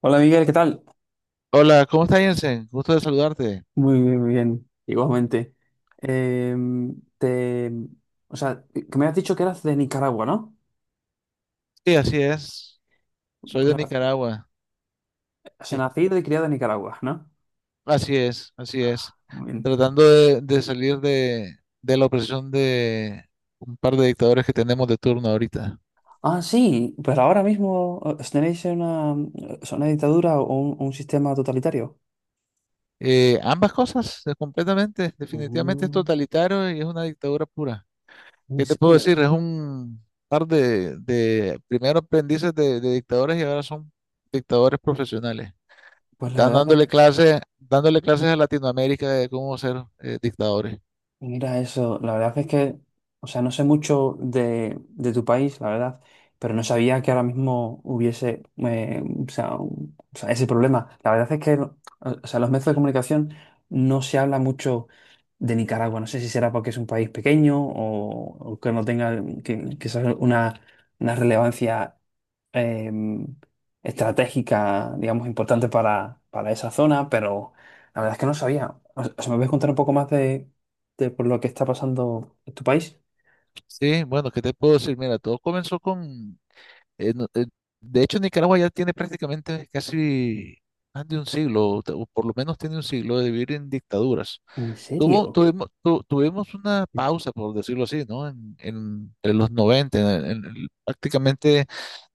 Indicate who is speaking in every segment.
Speaker 1: Hola Miguel, ¿qué tal?
Speaker 2: Hola, ¿cómo estás, Jensen? Gusto de saludarte.
Speaker 1: Muy bien, igualmente. Eh, te, o sea, que me has dicho que eras de Nicaragua, ¿no?
Speaker 2: Sí, así es. Soy
Speaker 1: Pues,
Speaker 2: de Nicaragua. Es-
Speaker 1: nacido y criado en Nicaragua, ¿no?
Speaker 2: Así es, así es.
Speaker 1: Muy bien.
Speaker 2: Tratando de salir de la opresión de un par de dictadores que tenemos de turno ahorita.
Speaker 1: Ah, sí, pero ahora mismo tenéis una, o una dictadura o un sistema totalitario.
Speaker 2: Ambas cosas, completamente. Definitivamente es
Speaker 1: Mm,
Speaker 2: totalitario y es una dictadura pura.
Speaker 1: ¿en
Speaker 2: ¿Qué te puedo
Speaker 1: serio?
Speaker 2: decir? Es un par de primero aprendices de dictadores y ahora son dictadores profesionales.
Speaker 1: Pues la
Speaker 2: Están
Speaker 1: verdad es.
Speaker 2: dándole clases a Latinoamérica de cómo ser dictadores.
Speaker 1: Mira eso, la verdad es que, o sea, no sé mucho de tu país, la verdad, pero no sabía que ahora mismo hubiese, o sea, o sea, ese problema. La verdad es que, o sea, los medios de comunicación no se habla mucho de Nicaragua. No sé si será porque es un país pequeño o que no tenga que sea una relevancia eh, estratégica, digamos, importante para esa zona, pero la verdad es que no sabía. O sea, ¿me puedes contar un poco más de por lo que está pasando en tu país?
Speaker 2: Sí, bueno, ¿qué te puedo decir? Mira, todo comenzó con... eh, no- eh, de hecho, Nicaragua ya tiene prácticamente casi más de un siglo, o por lo menos tiene un siglo de vivir en dictaduras.
Speaker 1: ¿En serio?
Speaker 2: Tuvimos una pausa, por decirlo así, ¿no? En los 90 prácticamente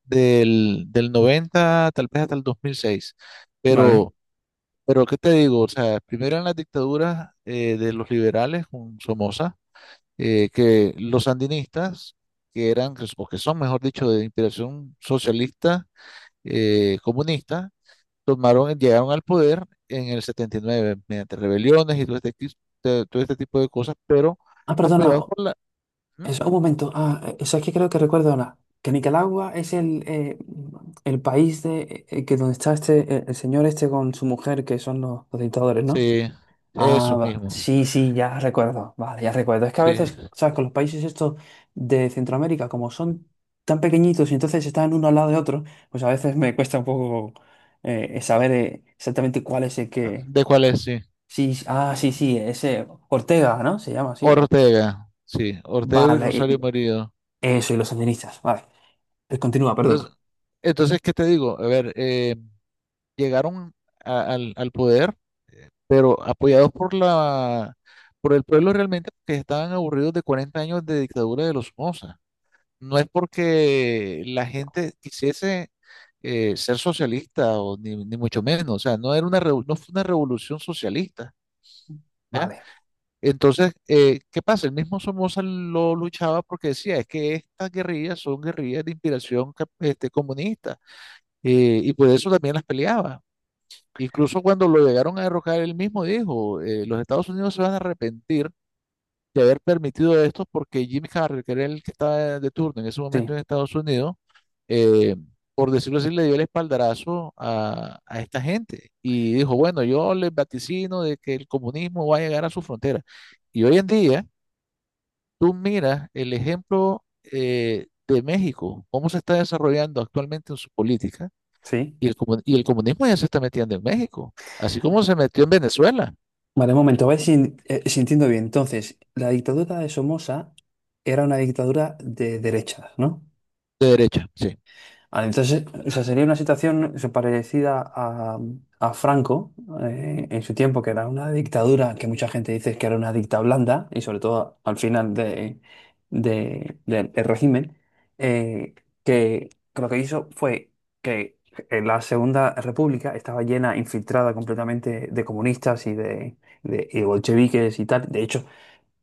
Speaker 2: del 90 tal vez hasta el 2006.
Speaker 1: Vale.
Speaker 2: Pero Pero ¿qué te digo? O sea, primero en las dictaduras de los liberales con Somoza, que los sandinistas, que eran, o que son, mejor dicho, de inspiración socialista, comunista, llegaron al poder en el 79 mediante rebeliones y todo este tipo de cosas, pero
Speaker 1: Ah, perdona,
Speaker 2: apoyados por la... ¿Mm?
Speaker 1: un momento. Ah, eso es que creo que recuerdo ahora. Que Nicaragua es el país de que donde está este el señor este con su mujer, que son los dictadores, ¿no?
Speaker 2: Sí,
Speaker 1: Ah,
Speaker 2: esos
Speaker 1: va.
Speaker 2: mismos,
Speaker 1: Sí, sí, ya recuerdo. Vale, ya recuerdo. Es que a
Speaker 2: sí.
Speaker 1: veces, ¿sabes? Con los países estos de Centroamérica, como son tan pequeñitos y entonces están uno al lado de otro, pues a veces me cuesta un poco saber exactamente cuál es el que.
Speaker 2: ¿De cuál es? Sí.
Speaker 1: Sí, sí, ah, sí, sí, ese Ortega, ¿no? Se llama así.
Speaker 2: Ortega, sí. Ortega y
Speaker 1: Vale,
Speaker 2: Rosario Murillo.
Speaker 1: eso, y los sandinistas, vale. Continúa, perdona.
Speaker 2: Entonces, entonces, ¿qué te digo? A ver, llegaron al poder, pero apoyados por el pueblo realmente que estaban aburridos de 40 años de dictadura de los Somoza. No es porque la gente quisiese ser socialista o ni mucho menos, o sea, no fue una revolución socialista, ¿ya?
Speaker 1: Vale,
Speaker 2: Entonces, ¿qué pasa? El mismo Somoza lo luchaba porque decía, es que estas guerrillas son guerrillas de inspiración comunista, y por eso también las peleaba. Incluso cuando lo llegaron a derrocar, él mismo dijo, los Estados Unidos se van a arrepentir de haber permitido esto porque Jimmy Carter, que era el que estaba de turno en ese
Speaker 1: sí,
Speaker 2: momento en Estados Unidos, eh, por decirlo así, le dio el espaldarazo a esta gente y dijo, bueno, yo les vaticino de que el comunismo va a llegar a su frontera. Y hoy en día, tú miras el ejemplo de México, cómo se está desarrollando actualmente en su política
Speaker 1: sí.
Speaker 2: y y el comunismo ya se está metiendo en México, así como se metió en Venezuela.
Speaker 1: Vale, un momento, a ver si, si entiendo bien. Entonces, la dictadura de Somoza era una dictadura de derechas, ¿no?
Speaker 2: De derecha, sí.
Speaker 1: Vale, entonces, o sea, sería una situación eso, parecida a Franco en su tiempo, que era una dictadura que mucha gente dice que era una dicta blanda, y sobre todo al final de, del del régimen, eh, que lo que hizo fue que en la Segunda República estaba llena, infiltrada completamente de comunistas y de, y de bolcheviques y tal. De hecho,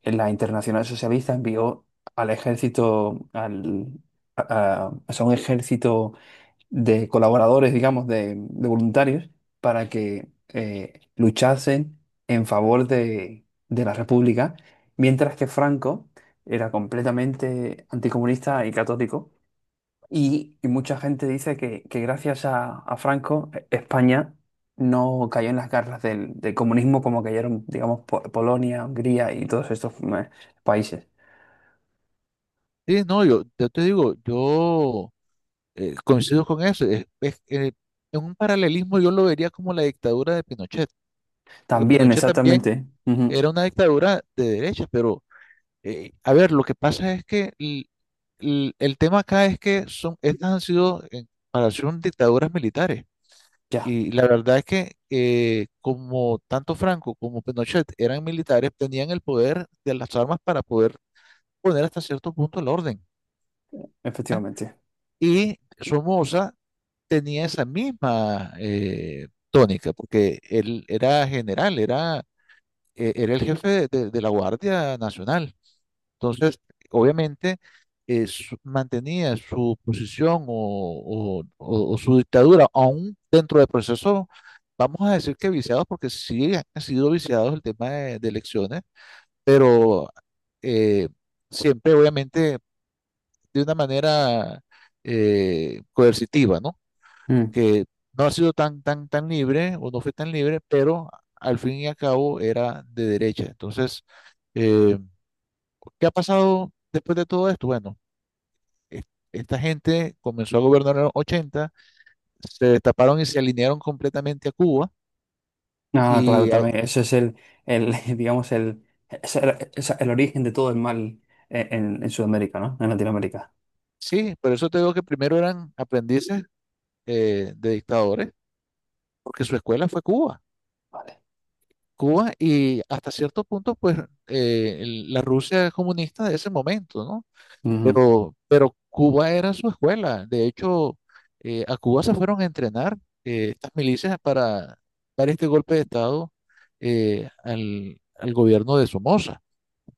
Speaker 1: la Internacional Socialista envió al ejército, al, o sea, un ejército de colaboradores, digamos, de voluntarios, para que luchasen en favor de la República, mientras que Franco era completamente anticomunista y católico. Y mucha gente dice que gracias a Franco, España no cayó en las garras del, del comunismo como cayeron, digamos, Polonia, Hungría y todos estos países.
Speaker 2: Sí, no, yo, te digo, yo coincido con eso. Es- en un paralelismo yo lo vería como la dictadura de Pinochet, porque
Speaker 1: También,
Speaker 2: Pinochet también
Speaker 1: exactamente. Ujú.
Speaker 2: era una dictadura de derecha, pero a ver, lo que pasa es que el tema acá es que son, estas han sido, en comparación, dictaduras militares.
Speaker 1: Ya,
Speaker 2: Y la verdad es que como tanto Franco como Pinochet eran militares, tenían el poder de las armas para poder poner hasta cierto punto el orden.
Speaker 1: efectivamente.
Speaker 2: Y Somoza tenía esa misma tónica, porque él era general, era el jefe de la Guardia Nacional. Entonces, obviamente, mantenía su posición o su dictadura, aún dentro del proceso, vamos a decir que viciados, porque sí han sido viciados el tema de elecciones, pero eh, siempre, obviamente, de una manera coercitiva, ¿no? Que no ha sido tan, tan, tan libre o no fue tan libre, pero al fin y al cabo era de derecha. Entonces, eh, ¿qué ha pasado después de todo esto? Bueno, e- esta gente comenzó a gobernar en los 80, se destaparon y se alinearon completamente a Cuba.
Speaker 1: Ah, claro,
Speaker 2: Y ahí-
Speaker 1: también. Ese es el digamos, el, es el, es el origen de todo el mal en, en Sudamérica, ¿no? En Latinoamérica.
Speaker 2: sí, por eso te digo que primero eran aprendices de dictadores, porque su escuela fue Cuba.
Speaker 1: Vale.
Speaker 2: Cuba y hasta cierto punto, pues, la Rusia comunista de ese momento, ¿no?
Speaker 1: Ujú.
Speaker 2: Pero Cuba era su escuela. De hecho, a Cuba se fueron a entrenar estas milicias para este golpe de Estado, al gobierno de Somoza.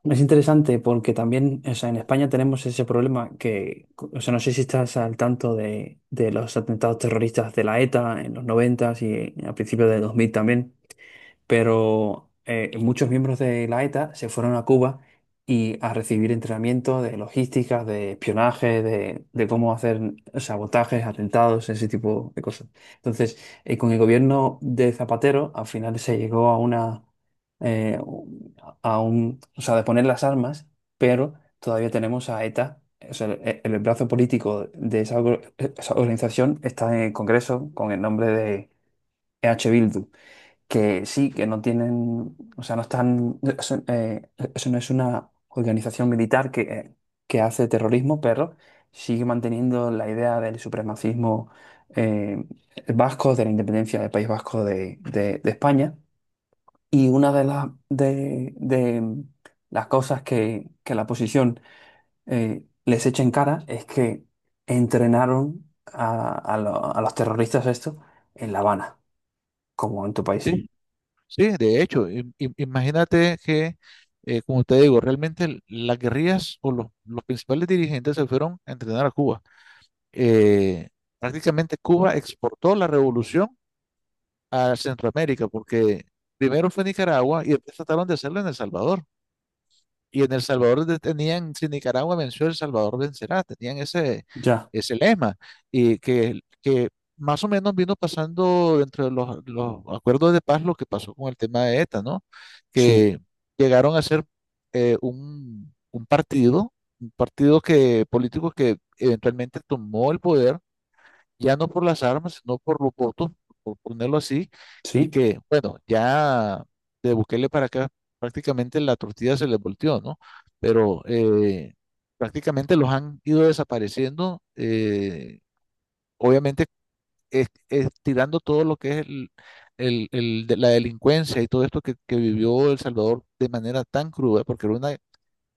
Speaker 1: Es interesante porque también, o sea, en España tenemos ese problema que, o sea, no sé si estás al tanto de los atentados terroristas de la ETA en los 90 y a principios de 2000 también. Pero muchos miembros de la ETA se fueron a Cuba y a recibir entrenamiento de logística, de espionaje, de cómo hacer sabotajes, atentados, ese tipo de cosas. Entonces, con el gobierno de Zapatero, al final se llegó a una, eh, o sea, de poner las armas, pero todavía tenemos a ETA. O sea, el brazo político de esa, esa organización está en el Congreso con el nombre de Bildu que sí, que no tienen, o sea, no están, eso, eso no es una organización militar que hace terrorismo, pero sigue manteniendo la idea del supremacismo eh, vasco, de la independencia del País Vasco de, de España. Y una de las cosas que la oposición les echa en cara es que entrenaron a, a los terroristas esto en La Habana, como en tu país.
Speaker 2: Sí. Sí, de hecho, imagínate que, como te digo, realmente las guerrillas o los principales dirigentes se fueron a entrenar a Cuba. Eh, Prácticamente Cuba exportó la revolución a Centroamérica porque primero fue Nicaragua y después trataron de hacerlo en El Salvador. Y en El Salvador tenían, si Nicaragua venció, El Salvador vencerá, tenían
Speaker 1: Ya,
Speaker 2: ese lema, y que más o menos vino pasando dentro de los acuerdos de paz lo que pasó con el tema de ETA, ¿no?
Speaker 1: sí.
Speaker 2: Que llegaron a ser eh, un, un partido, un partido político que eventualmente tomó el poder ya no por las armas, sino por los votos, por ponerlo así, y
Speaker 1: Sí,
Speaker 2: que, bueno, ya de Bukele para acá prácticamente la tortilla se les volteó, ¿no? Pero prácticamente los han ido desapareciendo, obviamente es, tirando todo lo que es el de la delincuencia y todo esto que vivió El Salvador de manera tan cruda, porque era una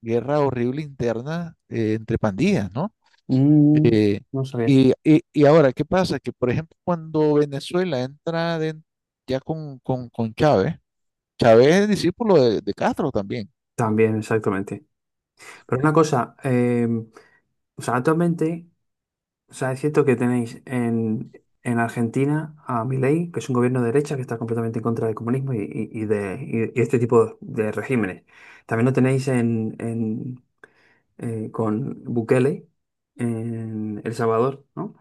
Speaker 2: guerra horrible interna entre pandillas, ¿no?
Speaker 1: mm,
Speaker 2: Eh,
Speaker 1: no sabía.
Speaker 2: y ahora, ¿qué pasa? Que, por ejemplo, cuando Venezuela ya con Chávez, Chávez es discípulo de Castro también.
Speaker 1: También, exactamente. Pero una cosa, o sea, actualmente, o sea, es cierto que tenéis en Argentina a Milei, que es un gobierno de derecha que está completamente en contra del comunismo y, y este tipo de regímenes. También lo tenéis en, con Bukele en El Salvador, ¿no?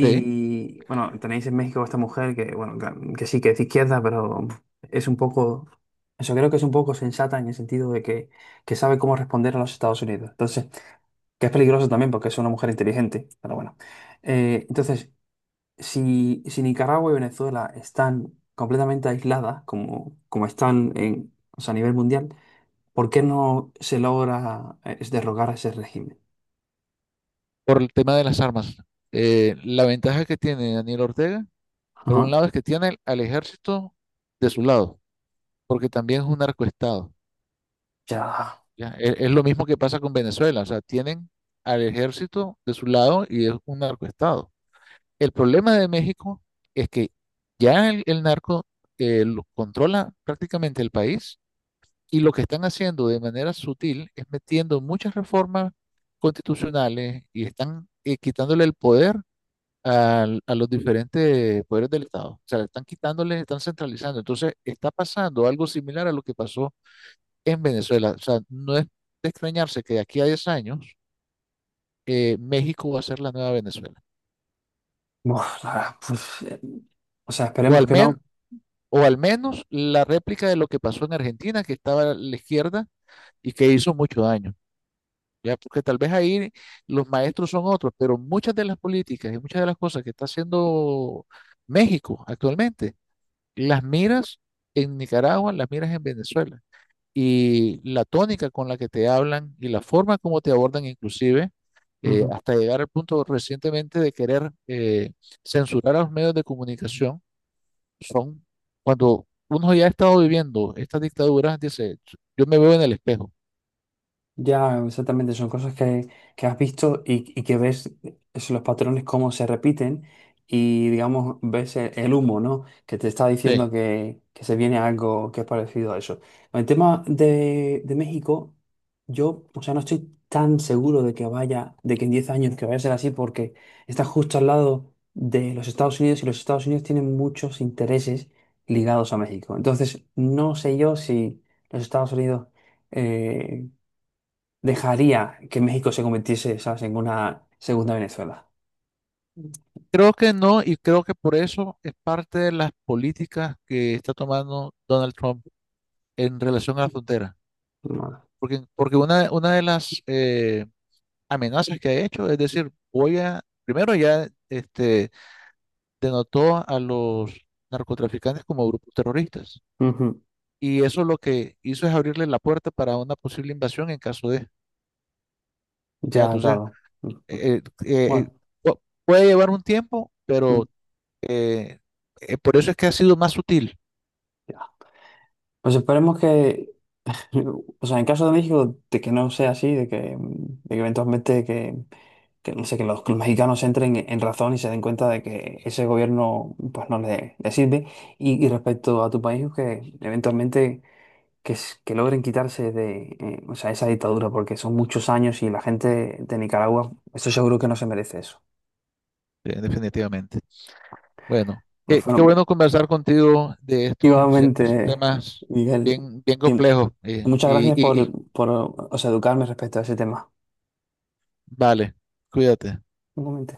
Speaker 2: ¿Sí?
Speaker 1: bueno, tenéis en México a esta mujer que, bueno, que sí que es de izquierda, pero es un poco, eso creo que es un poco sensata en el sentido de que sabe cómo responder a los Estados Unidos. Entonces, que es peligroso también porque es una mujer inteligente, pero bueno. Entonces, si, si Nicaragua y Venezuela están completamente aisladas, como, como están en, o sea, a nivel mundial, ¿por qué no se logra derrocar a ese régimen?
Speaker 2: Por el tema de las armas. La ventaja que tiene Daniel Ortega, por un
Speaker 1: Ajá.
Speaker 2: lado, es que tiene al ejército de su lado, porque también es un narcoestado.
Speaker 1: Ya,
Speaker 2: ¿Ya? Es lo mismo que pasa con Venezuela, o sea, tienen al ejército de su lado y es un narcoestado. El problema de México es que ya el narco lo controla prácticamente el país, y lo que están haciendo de manera sutil es metiendo muchas reformas constitucionales y están quitándole el poder a los diferentes poderes del Estado. O sea, están quitándole, están centralizando. Entonces, está pasando algo similar a lo que pasó en Venezuela. O sea, no es de extrañarse que de aquí a 10 años, México va a ser la nueva Venezuela.
Speaker 1: buah, la pues, o sea,
Speaker 2: O
Speaker 1: esperemos
Speaker 2: al,
Speaker 1: que
Speaker 2: men-
Speaker 1: no.
Speaker 2: o al menos la réplica de lo que pasó en Argentina, que estaba a la izquierda y que hizo mucho daño. Ya, porque tal vez ahí los maestros son otros, pero muchas de las políticas y muchas de las cosas que está haciendo México actualmente, las miras en Nicaragua, las miras en Venezuela. Y la tónica con la que te hablan y la forma como te abordan inclusive,
Speaker 1: Ujú.
Speaker 2: hasta llegar al punto recientemente de querer censurar a los medios de comunicación son, cuando uno ya ha estado viviendo estas dictaduras, dice, yo me veo en el espejo.
Speaker 1: Ya, exactamente, son cosas que has visto y que ves es los patrones cómo se repiten y, digamos, ves el humo, ¿no? Que te está
Speaker 2: Sí.
Speaker 1: diciendo que se viene algo que es parecido a eso. Con el tema de México, yo, o sea, no estoy tan seguro de que vaya, de que en 10 años que vaya a ser así porque está justo al lado de los Estados Unidos y los Estados Unidos tienen muchos intereses ligados a México. Entonces, no sé yo si los Estados Unidos eh, dejaría que México se convirtiese, ¿sabes?, en una segunda Venezuela.
Speaker 2: Creo que no, y creo que por eso es parte de las políticas que está tomando Donald Trump en relación a la frontera.
Speaker 1: Vale.
Speaker 2: Porque una de las amenazas que ha hecho es decir, primero ya denotó a los narcotraficantes como grupos terroristas.
Speaker 1: Ujú.
Speaker 2: Y eso lo que hizo es abrirle la puerta para una posible invasión en caso de... Ya,
Speaker 1: Ya,
Speaker 2: entonces
Speaker 1: claro. Ujú.
Speaker 2: eh, eh, eh,
Speaker 1: Bueno,
Speaker 2: pu- puede llevar un tiempo,
Speaker 1: mm,
Speaker 2: pero eh, por eso es que ha sido más sutil,
Speaker 1: ya. Pues esperemos que, o sea, en caso de México, de que no sea así, de que, mm, de que eventualmente que, no sé, que los mexicanos entren en razón y se den cuenta de que ese gobierno pues no le, le sirve. Y respecto a tu país, que eventualmente que, que logren quitarse de, o sea, esa dictadura, porque son muchos años y la gente de Nicaragua, estoy seguro que no se merece eso.
Speaker 2: definitivamente. Bueno,
Speaker 1: Pues
Speaker 2: qué
Speaker 1: bueno,
Speaker 2: bueno conversar contigo de esto. Siempre son
Speaker 1: igualmente,
Speaker 2: temas
Speaker 1: Miguel,
Speaker 2: bien, bien
Speaker 1: y
Speaker 2: complejos.
Speaker 1: muchas gracias por, o sea, educarme respecto a ese tema.
Speaker 2: Vale, cuídate.
Speaker 1: Igualmente.